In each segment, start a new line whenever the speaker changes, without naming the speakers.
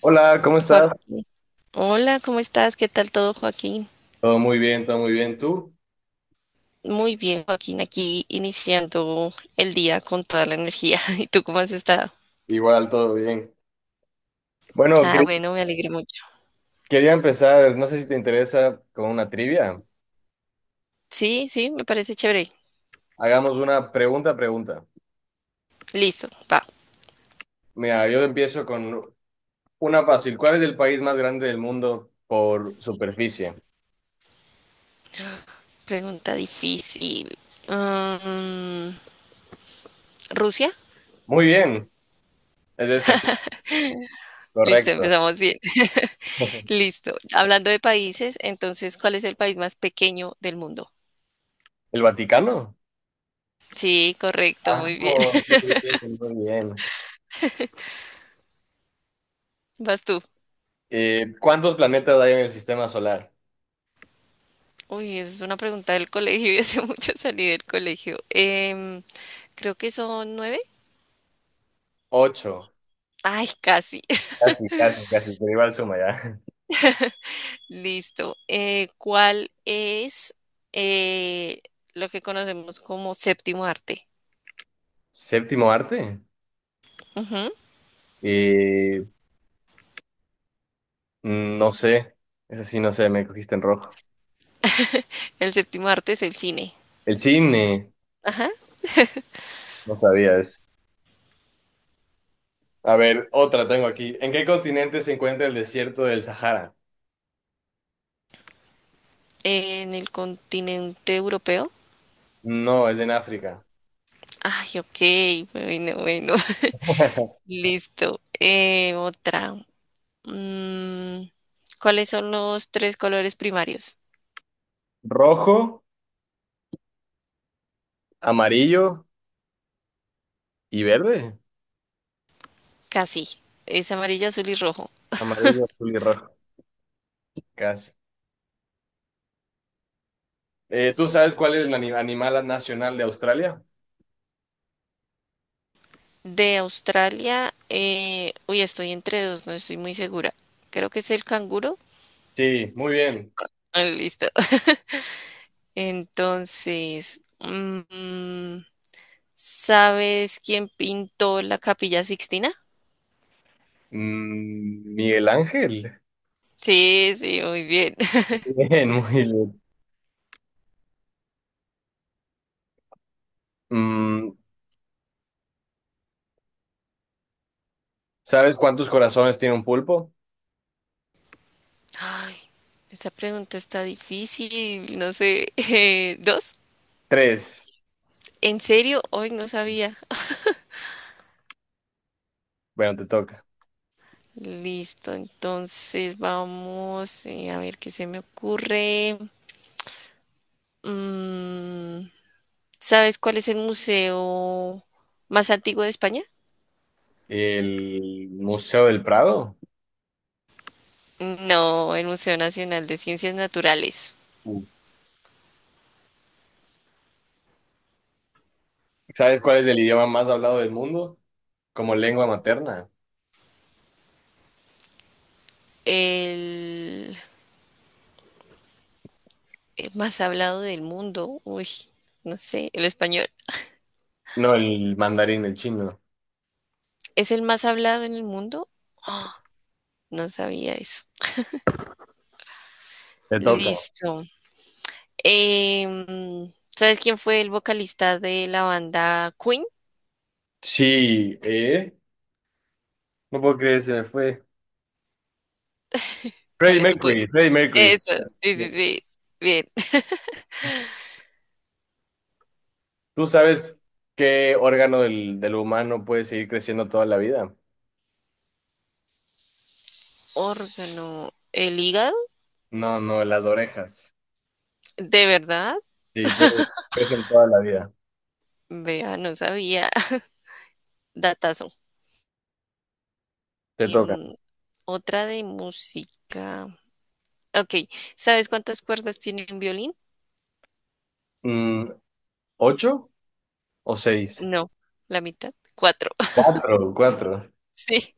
Hola, ¿cómo estás?
Joaquín. Hola, ¿cómo estás? ¿Qué tal todo, Joaquín?
Todo muy bien, todo muy bien. ¿Tú?
Muy bien, Joaquín, aquí iniciando el día con toda la energía. ¿Y tú cómo has estado?
Igual, todo bien. Bueno,
Ah, bueno, me alegré mucho.
quería empezar, no sé si te interesa, con una trivia.
Sí, sí, me parece chévere.
Hagamos una pregunta a pregunta.
Listo, va.
Mira, yo empiezo con una fácil. ¿Cuál es el país más grande del mundo por superficie?
Pregunta difícil. Mm, ¿Rusia?
Muy bien, es esa,
Listo,
correcto.
empezamos bien. Listo. Hablando de países, entonces, ¿cuál es el país más pequeño del mundo?
¿El Vaticano?
Sí, correcto,
Ah,
muy bien.
muy bien, muy bien.
Vas tú.
¿Cuántos planetas hay en el sistema solar?
Uy, esa es una pregunta del colegio y hace mucho salí del colegio. Creo que son nueve.
Ocho.
Ay, casi.
Casi, casi, casi, pero igual suma ya.
Listo. ¿Cuál es eh, lo que conocemos como séptimo arte?
¿Séptimo arte?
Ujú.
Y no sé, eso sí, no sé, me cogiste en rojo.
El séptimo arte es el cine.
El cine,
Ajá.
no sabía eso. A ver, otra tengo aquí. ¿En qué continente se encuentra el desierto del Sahara?
En el continente europeo.
No, es en África.
Ay, ok. Bueno, bueno. Listo. Otra. Mm, ¿Cuáles son los tres colores primarios?
Rojo, amarillo y verde.
Casi. Es amarillo, azul y rojo.
Amarillo, azul y rojo, casi. ¿Tú sabes cuál es el animal nacional de Australia?
De Australia, uy, estoy entre dos, no estoy muy segura. Creo que es el canguro.
Sí, muy bien.
Ah, listo. Entonces, ¿sabes quién pintó la Capilla Sixtina?
Mm, Miguel Ángel.
Sí, sí, muy bien.
Bien, muy bien. Mm, ¿Sabes cuántos corazones tiene un pulpo?
Ay, esta pregunta está difícil, no sé. ¿Dos?
Tres.
¿En serio? Hoy no sabía.
Bueno, te toca.
Listo, entonces vamos a ver qué se me ocurre. Mm, ¿Sabes cuál es el museo más antiguo de España?
El Museo del Prado.
No, el Museo Nacional de Ciencias Naturales.
Uh, ¿Sabes cuál es el idioma más hablado del mundo? Como lengua materna.
El, el más hablado del mundo. Uy, no sé, el español.
No, el mandarín, el chino.
¿Es el más hablado en el mundo? Ah, no sabía eso.
Te toca.
Listo. ¿Sabes quién fue el vocalista de la banda Queen?
Sí, ¿eh? No puedo creer, se me fue. Freddie
Dale, tú puedes.
Mercury, Freddie Mercury.
Eso, sí,
Bien.
sí, sí. Bien.
¿Tú sabes qué órgano del humano puede seguir creciendo toda la vida?
Órgano, el hígado,
No, no, las orejas.
¿de verdad?
Sí, pues, crecen toda la vida.
Vea, no sabía. Datazo.
Te toca.
Em, otra de música. Ok, ¿sabes cuántas cuerdas tiene un violín?
Mm, ¿ocho o seis?
No, la mitad. Cuatro.
Cuatro, cuatro.
Sí,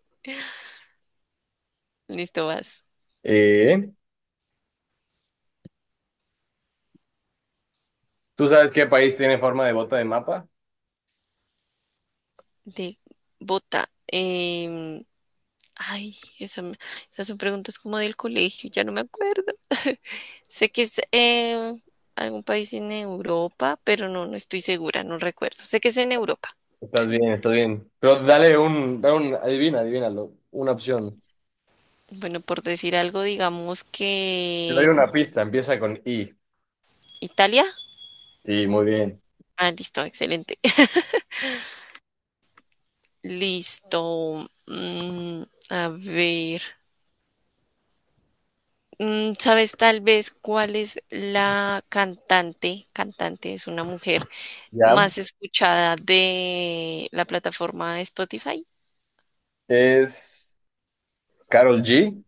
listo, vas.
Eh, ¿Tú sabes qué país tiene forma de bota de mapa?
De bota. Ay, esas son preguntas como del colegio, ya no me acuerdo. Sé que es algún país en Europa, pero no, no estoy segura, no recuerdo. Sé que es en Europa.
Estás bien, estás bien. Pero dale un, adivina, adivínalo, una opción.
Bueno, por decir algo, digamos
Te doy
que
una pista, empieza con I.
Italia.
Sí, muy bien.
Ah, listo, excelente. Listo. A ver. ¿Sabes tal vez cuál es la cantante? Cantante es una mujer
¿Ya?
más escuchada de la plataforma Spotify.
Es Carol G,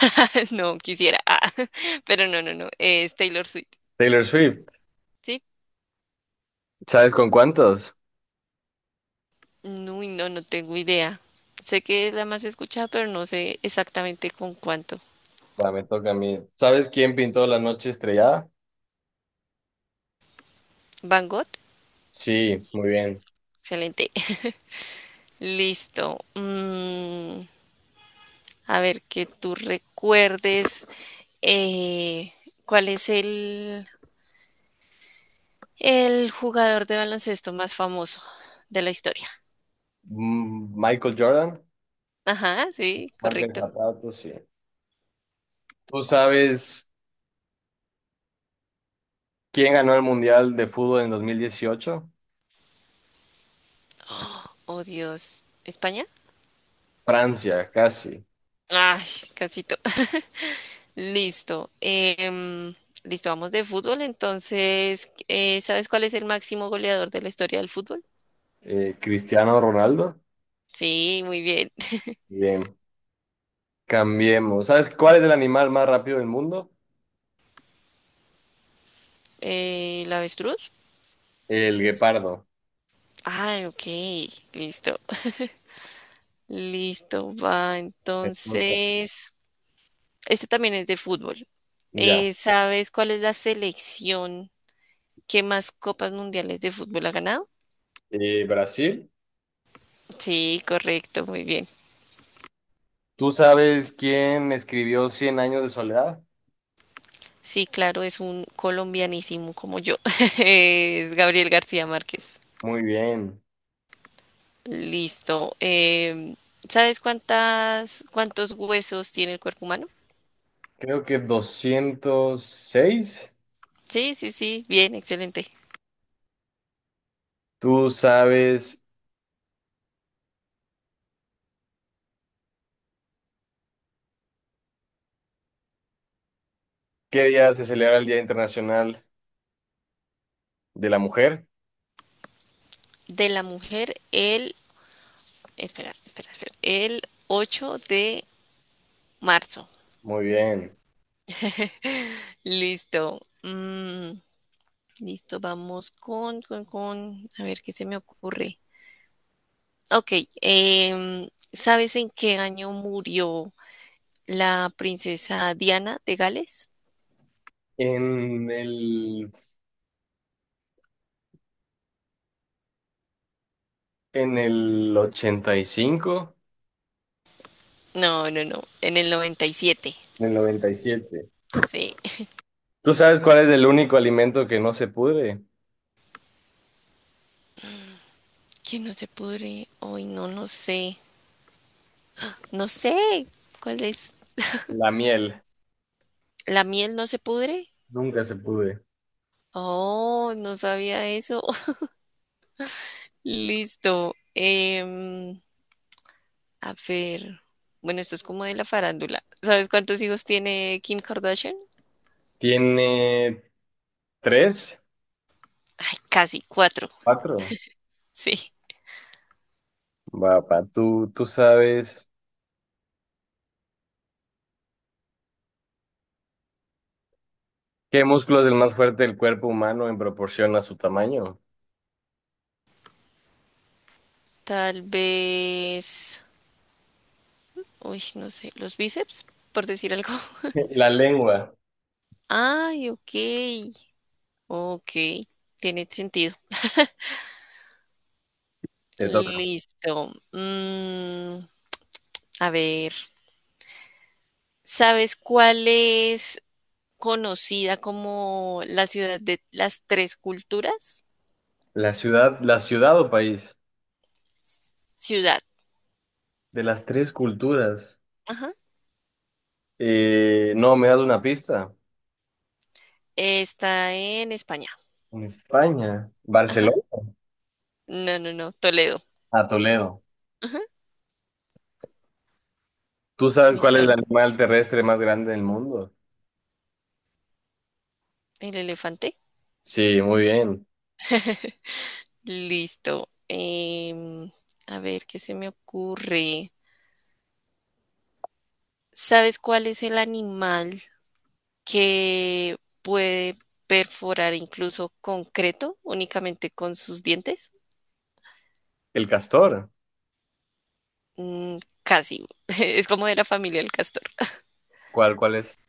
No quisiera, ah, pero no, no, no. Es Taylor Swift.
Taylor Swift.
¿Sí?
¿Sabes con cuántos?
No, uy, no, no tengo idea. Sé que es la más escuchada, pero no sé exactamente con cuánto.
Va, me toca a mí. ¿Sabes quién pintó La Noche Estrellada?
Van Gogh.
Sí, muy bien.
Excelente. Listo. A ver, que tú recuerdes. Eh, ¿Cuál es el jugador de baloncesto más famoso de la historia?
Mm, Michael Jordan,
Ajá, sí,
marca de
correcto.
zapatos, sí. ¿Tú sabes quién ganó el Mundial de Fútbol en 2018?
Oh, Dios. ¿España?
Francia, casi.
Ay, casito. Listo. Em, listo, vamos de fútbol. Entonces, ¿sabes cuál es el máximo goleador de la historia del fútbol?
Cristiano Ronaldo.
Sí, muy bien.
Bien. Cambiemos. ¿Sabes cuál es el animal más rápido del mundo?
¿El avestruz?
El guepardo.
Ay, ok. Listo. Listo, va.
Te toca.
Entonces, este también es de fútbol.
Ya.
¿Sabes cuál es la selección que más copas mundiales de fútbol ha ganado?
Brasil.
Sí, correcto, muy bien.
¿Tú sabes quién escribió Cien años de soledad?
Sí, claro, es un colombianísimo como yo. Es Gabriel García Márquez.
Muy bien.
Listo. Em, ¿sabes cuántos huesos tiene el cuerpo humano?
Creo que 206.
Sí, sí, sí, bien, excelente.
¿Tú sabes qué día se celebra el Día Internacional de la Mujer?
De la mujer, el, espera, espera, espera, el 8 de marzo.
Muy bien.
Listo. Mm, Listo, vamos con, a ver qué se me ocurre. Ok, ¿sabes en qué año murió la princesa Diana de Gales?
En en el 85.
No, no, no, en el 97.
En el 97.
Sí.
¿Tú sabes cuál es el único alimento que no se pudre?
Que no se pudre, hoy no, no sé, no sé, ¿cuál es?
La miel.
¿La miel no se pudre?
Nunca se pudre.
Oh, no sabía eso. Listo. A ver, bueno, esto es como de la farándula. ¿Sabes cuántos hijos tiene Kim Kardashian?
¿Tiene tres?
Ay, casi cuatro.
¿Cuatro?
Sí.
Va, pa, ¿tú sabes qué músculo es el más fuerte del cuerpo humano en proporción a su tamaño?
Tal vez. Uy, no sé. Los bíceps, por decir algo.
La lengua.
Ay, ok. Ok. Tiene sentido.
Te toca.
Listo. A ver. ¿Sabes cuál es conocida como la ciudad de las tres culturas?
La ciudad o país
Ciudad.
de las tres culturas.
Ajá.
No, me das una pista.
Está en España.
En España. Barcelona.
Ajá. No, no, no. Toledo.
A Toledo.
Ajá.
¿Tú sabes cuál es el
Listo.
animal terrestre más grande del mundo?
El elefante.
Sí, muy bien.
Listo. A ver, ¿qué se me ocurre? ¿Sabes cuál es el animal que puede perforar incluso concreto únicamente con sus dientes?
El castor.
Mm, casi. Es como de la familia del castor.
¿Cuál es?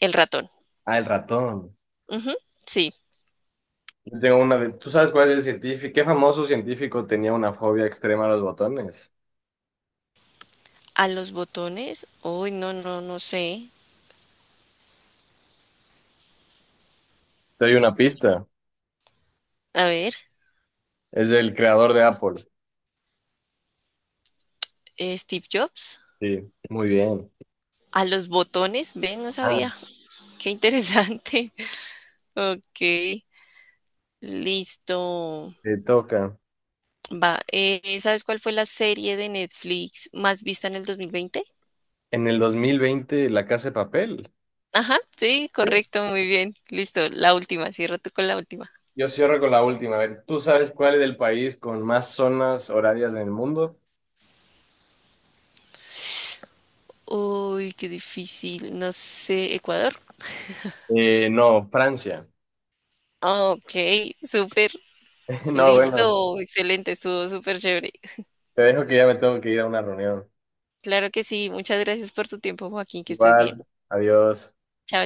El ratón.
Ah, el ratón.
Ujú, sí.
Yo tengo una de... ¿Tú sabes cuál es el científico? ¿Qué famoso científico tenía una fobia extrema a los botones?
A los botones. Uy, no, no, no sé.
Te doy una pista.
A ver,
Es el creador de Apple.
Steve Jobs.
Sí, muy bien.
A los botones. Ven, no
Ah,
sabía. Qué interesante. Ok. Listo.
te toca.
Va, ¿sabes cuál fue la serie de Netflix más vista en el 2020?
En el 2020, La Casa de Papel.
Ajá, sí,
Sí.
correcto, muy bien. Listo, la última, cierra tú con la última.
Yo cierro con la última. A ver, ¿tú sabes cuál es el país con más zonas horarias en el mundo?
Uy, qué difícil, no sé, Ecuador.
No, Francia.
Ah, ok, súper,
No, bueno,
listo, excelente, estuvo súper chévere.
te dejo que ya me tengo que ir a una reunión.
Claro que sí, muchas gracias por tu tiempo, Joaquín, que estés
Igual,
bien.
adiós.
Chao.